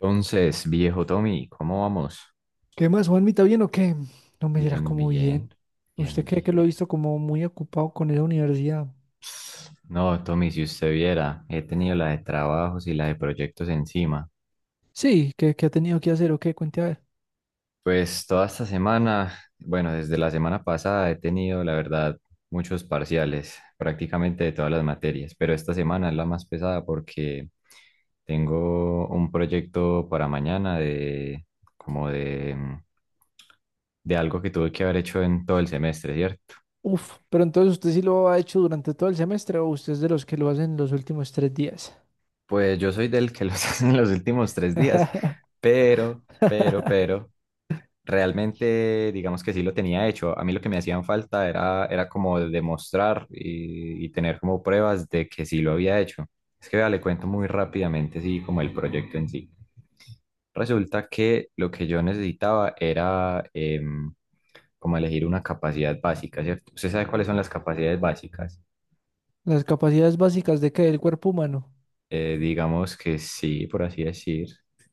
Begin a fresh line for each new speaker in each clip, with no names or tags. Entonces, viejo Tommy, ¿cómo vamos?
¿Qué más, Juanmita? ¿Bien o qué? No me dirá
Bien,
como
bien,
bien. ¿Usted
bien,
cree que lo
bien.
he visto como muy ocupado con esa universidad?
No, Tommy, si usted viera, he tenido la de trabajos y la de proyectos encima.
Sí, ¿qué ha tenido que hacer o qué? Cuente a ver.
Pues toda esta semana, bueno, desde la semana pasada he tenido, la verdad, muchos parciales, prácticamente de todas las materias, pero esta semana es la más pesada porque tengo un proyecto para mañana de como de, de algo que tuve que haber hecho en todo el semestre, ¿cierto?
Uf, pero entonces usted sí lo ha hecho durante todo el semestre o usted es de los que lo hacen los últimos tres días.
Pues yo soy del que los hace en los últimos tres días, pero, pero, pero, realmente digamos que sí lo tenía hecho. A mí lo que me hacían falta era como demostrar y tener como pruebas de que sí lo había hecho. Es que vea, le cuento muy rápidamente, sí, como el proyecto en sí. Resulta que lo que yo necesitaba era como elegir una capacidad básica, ¿cierto? ¿Usted sabe cuáles son las capacidades básicas?
Las capacidades básicas de qué, del cuerpo humano.
Digamos que sí, por así decir.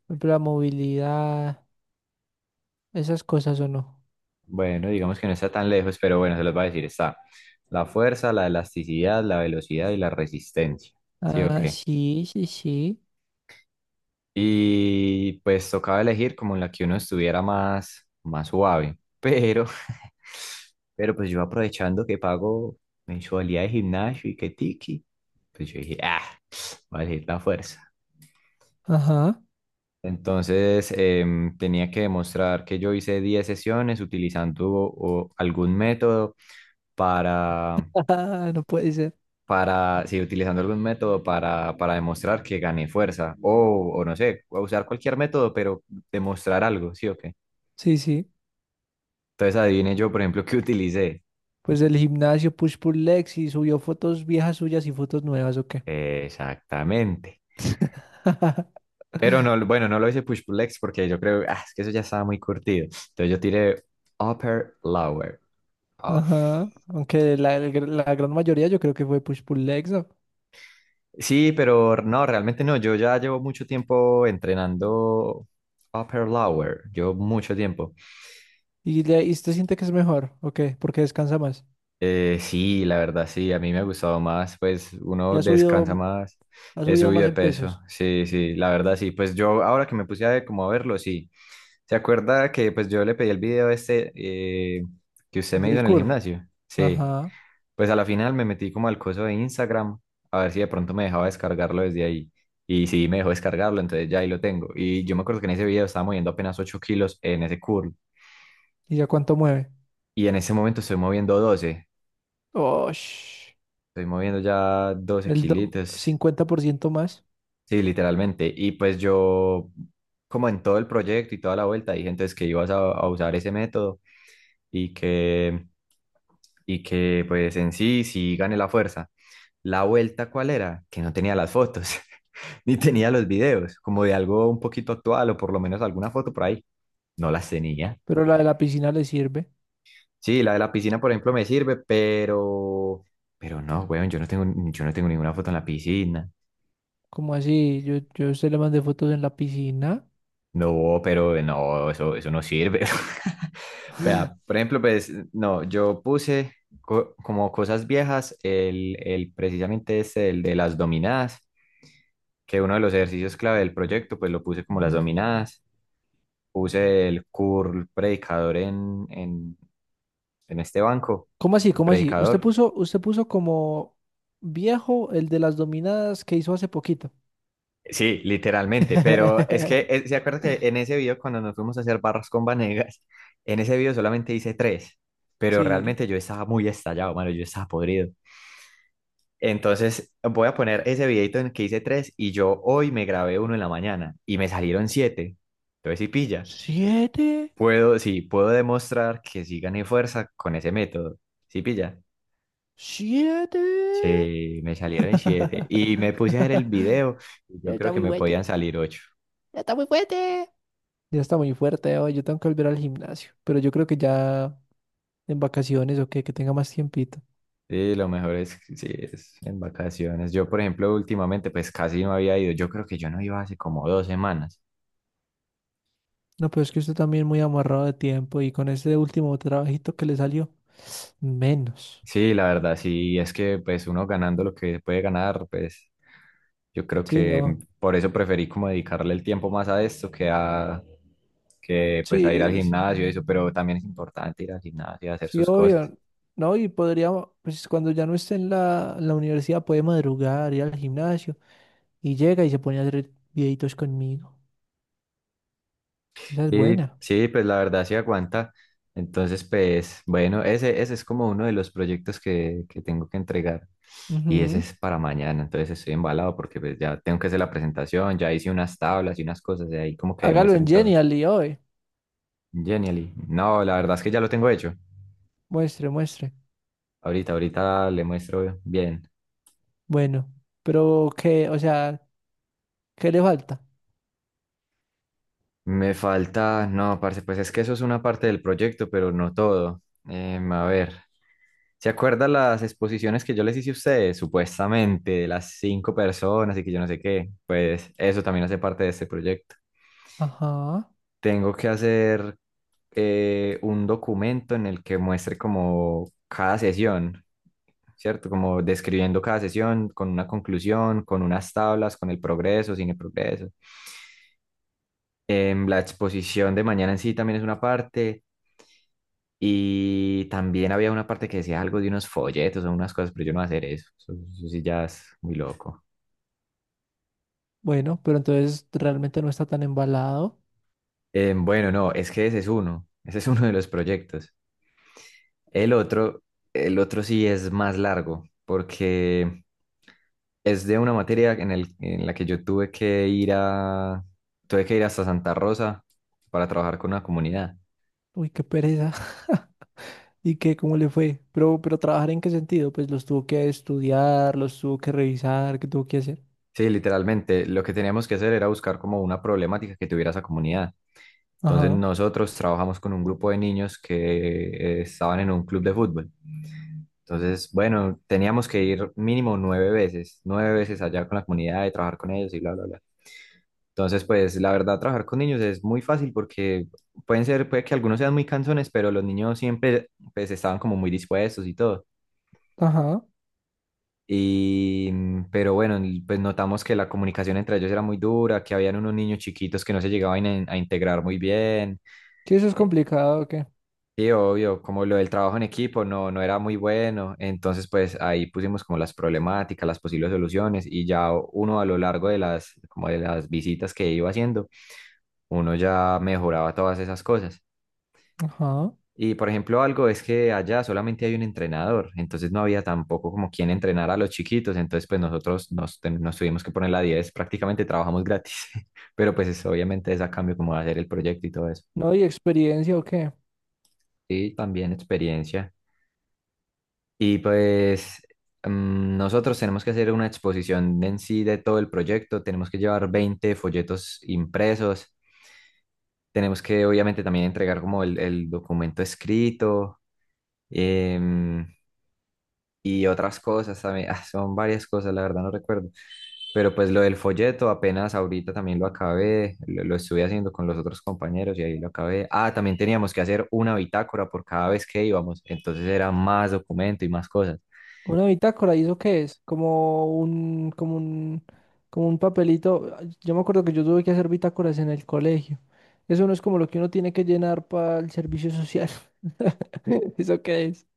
Por ejemplo, la movilidad, esas cosas o no.
Bueno, digamos que no está tan lejos, pero bueno, se los va a decir, está la fuerza, la elasticidad, la velocidad y la resistencia. ¿Sí o
Ah,
qué?
sí, sí, sí.
Y pues tocaba elegir como en la que uno estuviera más, más suave. Pero, pero pues yo aprovechando que pago mensualidad de gimnasio y que tiki, pues yo dije, ah, voy a elegir la fuerza.
Ajá.
Entonces tenía que demostrar que yo hice 10 sesiones utilizando algún método para
No puede ser.
para, si utilizando algún método para demostrar que gané fuerza, o no sé, o usar cualquier método, pero demostrar algo, ¿sí o qué?
Sí, sí.
Entonces adivine yo, por ejemplo, qué utilicé.
Pues el gimnasio, push pull legs y subió fotos viejas suyas y fotos nuevas, ¿o qué?
Exactamente. Pero no, bueno, no lo hice push pull legs porque yo creo, ah, es que eso ya estaba muy curtido. Entonces yo tiré upper lower. Oh.
Ajá. Aunque la gran mayoría yo creo que fue push pull legs, ¿no?
Sí, pero no, realmente no. Yo ya llevo mucho tiempo entrenando upper lower. Llevo mucho tiempo.
¿Y, y usted siente que es mejor, o qué? Porque descansa más.
Sí, la verdad sí, a mí me ha gustado más, pues
Y
uno descansa más,
ha
he
subido
subido
más
de
en
peso,
pesos.
sí, sí, la verdad sí, pues yo ahora que me puse a ver, como a verlo, sí, ¿se acuerda que pues yo le pedí el video este que usted
El
me hizo
del
en el
curl.
gimnasio? Sí,
Ajá.
pues a la final me metí como al coso de Instagram, a ver si de pronto me dejaba descargarlo desde ahí, y sí, me dejó descargarlo, entonces ya ahí lo tengo, y yo me acuerdo que en ese video estaba moviendo apenas 8 kilos en ese curl,
¿Y ya cuánto mueve?
y en ese momento estoy moviendo 12.
Oh,
Estoy moviendo ya doce kilitos
50% más.
Sí, literalmente. Y pues yo, como en todo el proyecto y toda la vuelta, dije entonces que ibas a usar ese método y y que pues en sí, sí gané la fuerza. La vuelta, ¿cuál era? Que no tenía las fotos, ni tenía los videos, como de algo un poquito actual o por lo menos alguna foto por ahí. No las tenía.
Pero la de la piscina le sirve.
Sí, la de la piscina, por ejemplo, me sirve, pero no, weón, yo no tengo ninguna foto en la piscina.
Como así? Yo a usted le mandé fotos en la piscina.
No, pero no, eso no sirve. Vea, por ejemplo, pues no, yo puse como cosas viejas el precisamente este, el de las dominadas, que uno de los ejercicios clave del proyecto, pues lo puse como las dominadas, puse el curl predicador en este banco,
¿Cómo así?
el
¿Cómo así? Usted
predicador.
puso, usted puso como viejo el de las dominadas que hizo hace poquito.
Sí, literalmente, pero es que, ¿se acuerda que en ese video cuando nos fuimos a hacer barras con Vanegas, en ese video solamente hice tres, pero
Sí.
realmente yo estaba muy estallado, mano, yo estaba podrido. Entonces voy a poner ese videito en el que hice tres y yo hoy me grabé uno en la mañana y me salieron siete. Entonces sí pilla.
Siete,
Puedo, sí, puedo demostrar que sí gané fuerza con ese método. Sí pilla.
siete.
Sí, me salieron siete y me puse a ver el video y yo
Ya está
creo que
muy
me podían
fuerte,
salir ocho.
ya está muy fuerte. Ya está muy fuerte hoy. Yo tengo que volver al gimnasio. Pero yo creo que ya en vacaciones o que tenga más tiempito.
Sí, lo mejor es, sí, es en vacaciones. Yo, por ejemplo, últimamente pues casi no había ido. Yo creo que yo no iba hace como 2 semanas.
No, pero es que usted también muy amarrado de tiempo y con ese último trabajito que le salió, menos.
Sí, la verdad, sí, es que pues uno ganando lo que puede ganar, pues yo creo
Sí,
que
no.
por eso preferí como dedicarle el tiempo más a esto que a que pues a ir al
Sí, sí.
gimnasio y eso, pero también es importante ir al gimnasio y hacer
Sí,
sus cosas.
obvio. No, y podríamos, pues cuando ya no esté en la universidad, puede madrugar, ir al gimnasio y llega y se pone a hacer videitos conmigo. Esa es
Sí,
buena.
sí, pues la verdad sí aguanta. Entonces, pues bueno, ese es como uno de los proyectos que tengo que entregar y ese
Ujú.
es para mañana, entonces estoy embalado porque pues ya tengo que hacer la presentación, ya hice unas tablas y unas cosas de ahí como que
Hágalo en
demuestren todo.
Genial y hoy.
Genially. No, la verdad es que ya lo tengo hecho.
Muestre, muestre.
Ahorita le muestro bien.
Bueno, pero qué o sea, ¿qué le falta?
Me falta, no, parce, pues es que eso es una parte del proyecto, pero no todo. A ver, ¿se acuerda las exposiciones que yo les hice a ustedes? Supuestamente, de las 5 personas y que yo no sé qué. Pues eso también hace parte de este proyecto.
Ajá.
Tengo que hacer un documento en el que muestre como cada sesión, ¿cierto? Como describiendo cada sesión con una conclusión, con unas tablas, con el progreso, sin el progreso. La exposición de mañana en sí también es una parte. Y también había una parte que decía algo de unos folletos o unas cosas, pero yo no voy a hacer eso. Eso sí ya es muy loco.
Bueno, pero entonces realmente no está tan embalado.
Bueno, no, es que ese es uno. Ese es uno de los proyectos. El otro, el otro sí es más largo, porque es de una materia en la que yo tuve que tuve que ir hasta Santa Rosa para trabajar con una comunidad.
Uy, qué pereza. ¿Y qué? ¿Cómo le fue? ¿Pero, pero trabajar en qué sentido? Pues los tuvo que estudiar, los tuvo que revisar, ¿qué tuvo que hacer?
Sí, literalmente, lo que teníamos que hacer era buscar como una problemática que tuviera esa comunidad. Entonces
Ajá,
nosotros trabajamos con un grupo de niños que estaban en un club de fútbol. Entonces, bueno, teníamos que ir mínimo 9 veces, 9 veces allá con la comunidad y trabajar con ellos y bla, bla, bla. Entonces, pues la verdad, trabajar con niños es muy fácil porque pueden ser, puede que algunos sean muy cansones, pero los niños siempre, pues, estaban como muy dispuestos y todo.
ajá.
Y, pero bueno, y, pues notamos que la comunicación entre ellos era muy dura, que habían unos niños chiquitos que no se llegaban a a integrar muy bien.
Sí, eso es complicado, ¿o qué?
Sí, obvio, como lo del trabajo en equipo no, no era muy bueno, entonces pues ahí pusimos como las problemáticas, las posibles soluciones y ya uno a lo largo de las, como de las visitas que iba haciendo, uno ya mejoraba todas esas cosas.
Ajá.
Y por ejemplo algo es que allá solamente hay un entrenador, entonces no había tampoco como quien entrenar a los chiquitos, entonces pues nosotros nos tuvimos que poner la 10, prácticamente trabajamos gratis, pero pues obviamente es a cambio como de hacer el proyecto y todo eso.
No, y experiencia, ¿o qué?
Y también experiencia. Y pues nosotros tenemos que hacer una exposición en sí de todo el proyecto, tenemos que llevar 20 folletos impresos, tenemos que obviamente también entregar como el documento escrito em, y otras cosas también. Ah, son varias cosas, la verdad no recuerdo, pero pues lo del folleto apenas ahorita también lo acabé, lo estuve haciendo con los otros compañeros y ahí lo acabé. Ah, también teníamos que hacer una bitácora por cada vez que íbamos, entonces era más documento y más cosas.
Una bitácora, ¿y eso qué es? Como un, como un, como un papelito. Ah, yo me acuerdo que yo tuve que hacer bitácoras en el colegio. Eso no es como lo que uno tiene que llenar para el servicio social. ¿Eso qué es?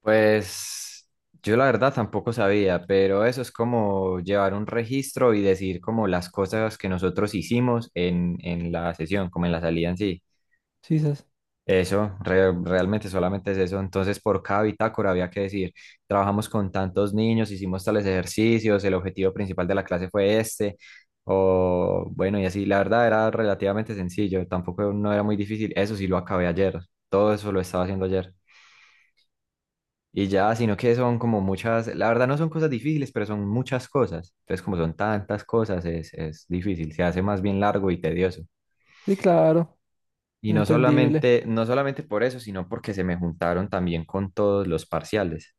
Pues yo la verdad tampoco sabía, pero eso es como llevar un registro y decir como las cosas que nosotros hicimos en la sesión, como en la salida en sí.
Sí, sas.
Eso, realmente solamente es eso. Entonces, por cada bitácora había que decir, trabajamos con tantos niños, hicimos tales ejercicios, el objetivo principal de la clase fue este, o bueno, y así, la verdad era relativamente sencillo, tampoco no era muy difícil. Eso sí lo acabé ayer, todo eso lo estaba haciendo ayer. Y ya, sino que son como muchas, la verdad no son cosas difíciles, pero son muchas cosas. Entonces, como son tantas cosas, es difícil, se hace más bien largo y tedioso.
Sí, claro,
Y no
entendible.
solamente, no solamente por eso, sino porque se me juntaron también con todos los parciales.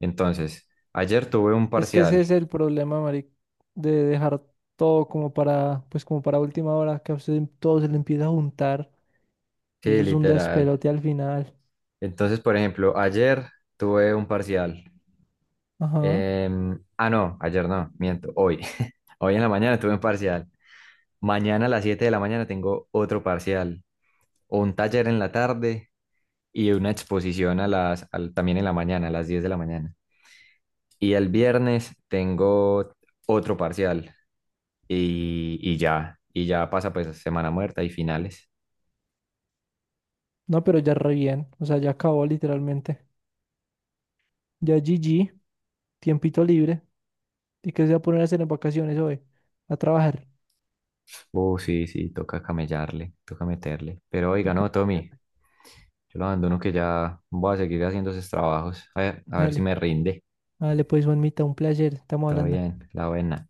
Entonces, ayer tuve un
Es que ese
parcial,
es el problema, Mari, de dejar todo como para, pues como para última hora, que a usted todo se le empieza a juntar y
sí,
eso es un
literal.
despelote al final.
Entonces, por ejemplo, ayer tuve un parcial.
Ajá.
No, ayer no, miento, hoy. Hoy en la mañana tuve un parcial. Mañana a las 7 de la mañana tengo otro parcial o un taller en la tarde y una exposición también en la mañana, a las 10 de la mañana. Y el viernes tengo otro parcial y ya pasa pues semana muerta y finales.
No, pero ya re bien. O sea, ya acabó literalmente. Ya GG, tiempito libre. ¿Y qué se va a poner a hacer en vacaciones hoy? A trabajar.
Sí, sí, toca camellarle, toca meterle. Pero oiga,
Toca.
no, Tommy, yo lo abandono que ya voy a seguir haciendo esos trabajos. A ver si
Dale,
me rinde.
dale, pues, Juanmita, un placer. Estamos
Todo
hablando.
bien, la buena.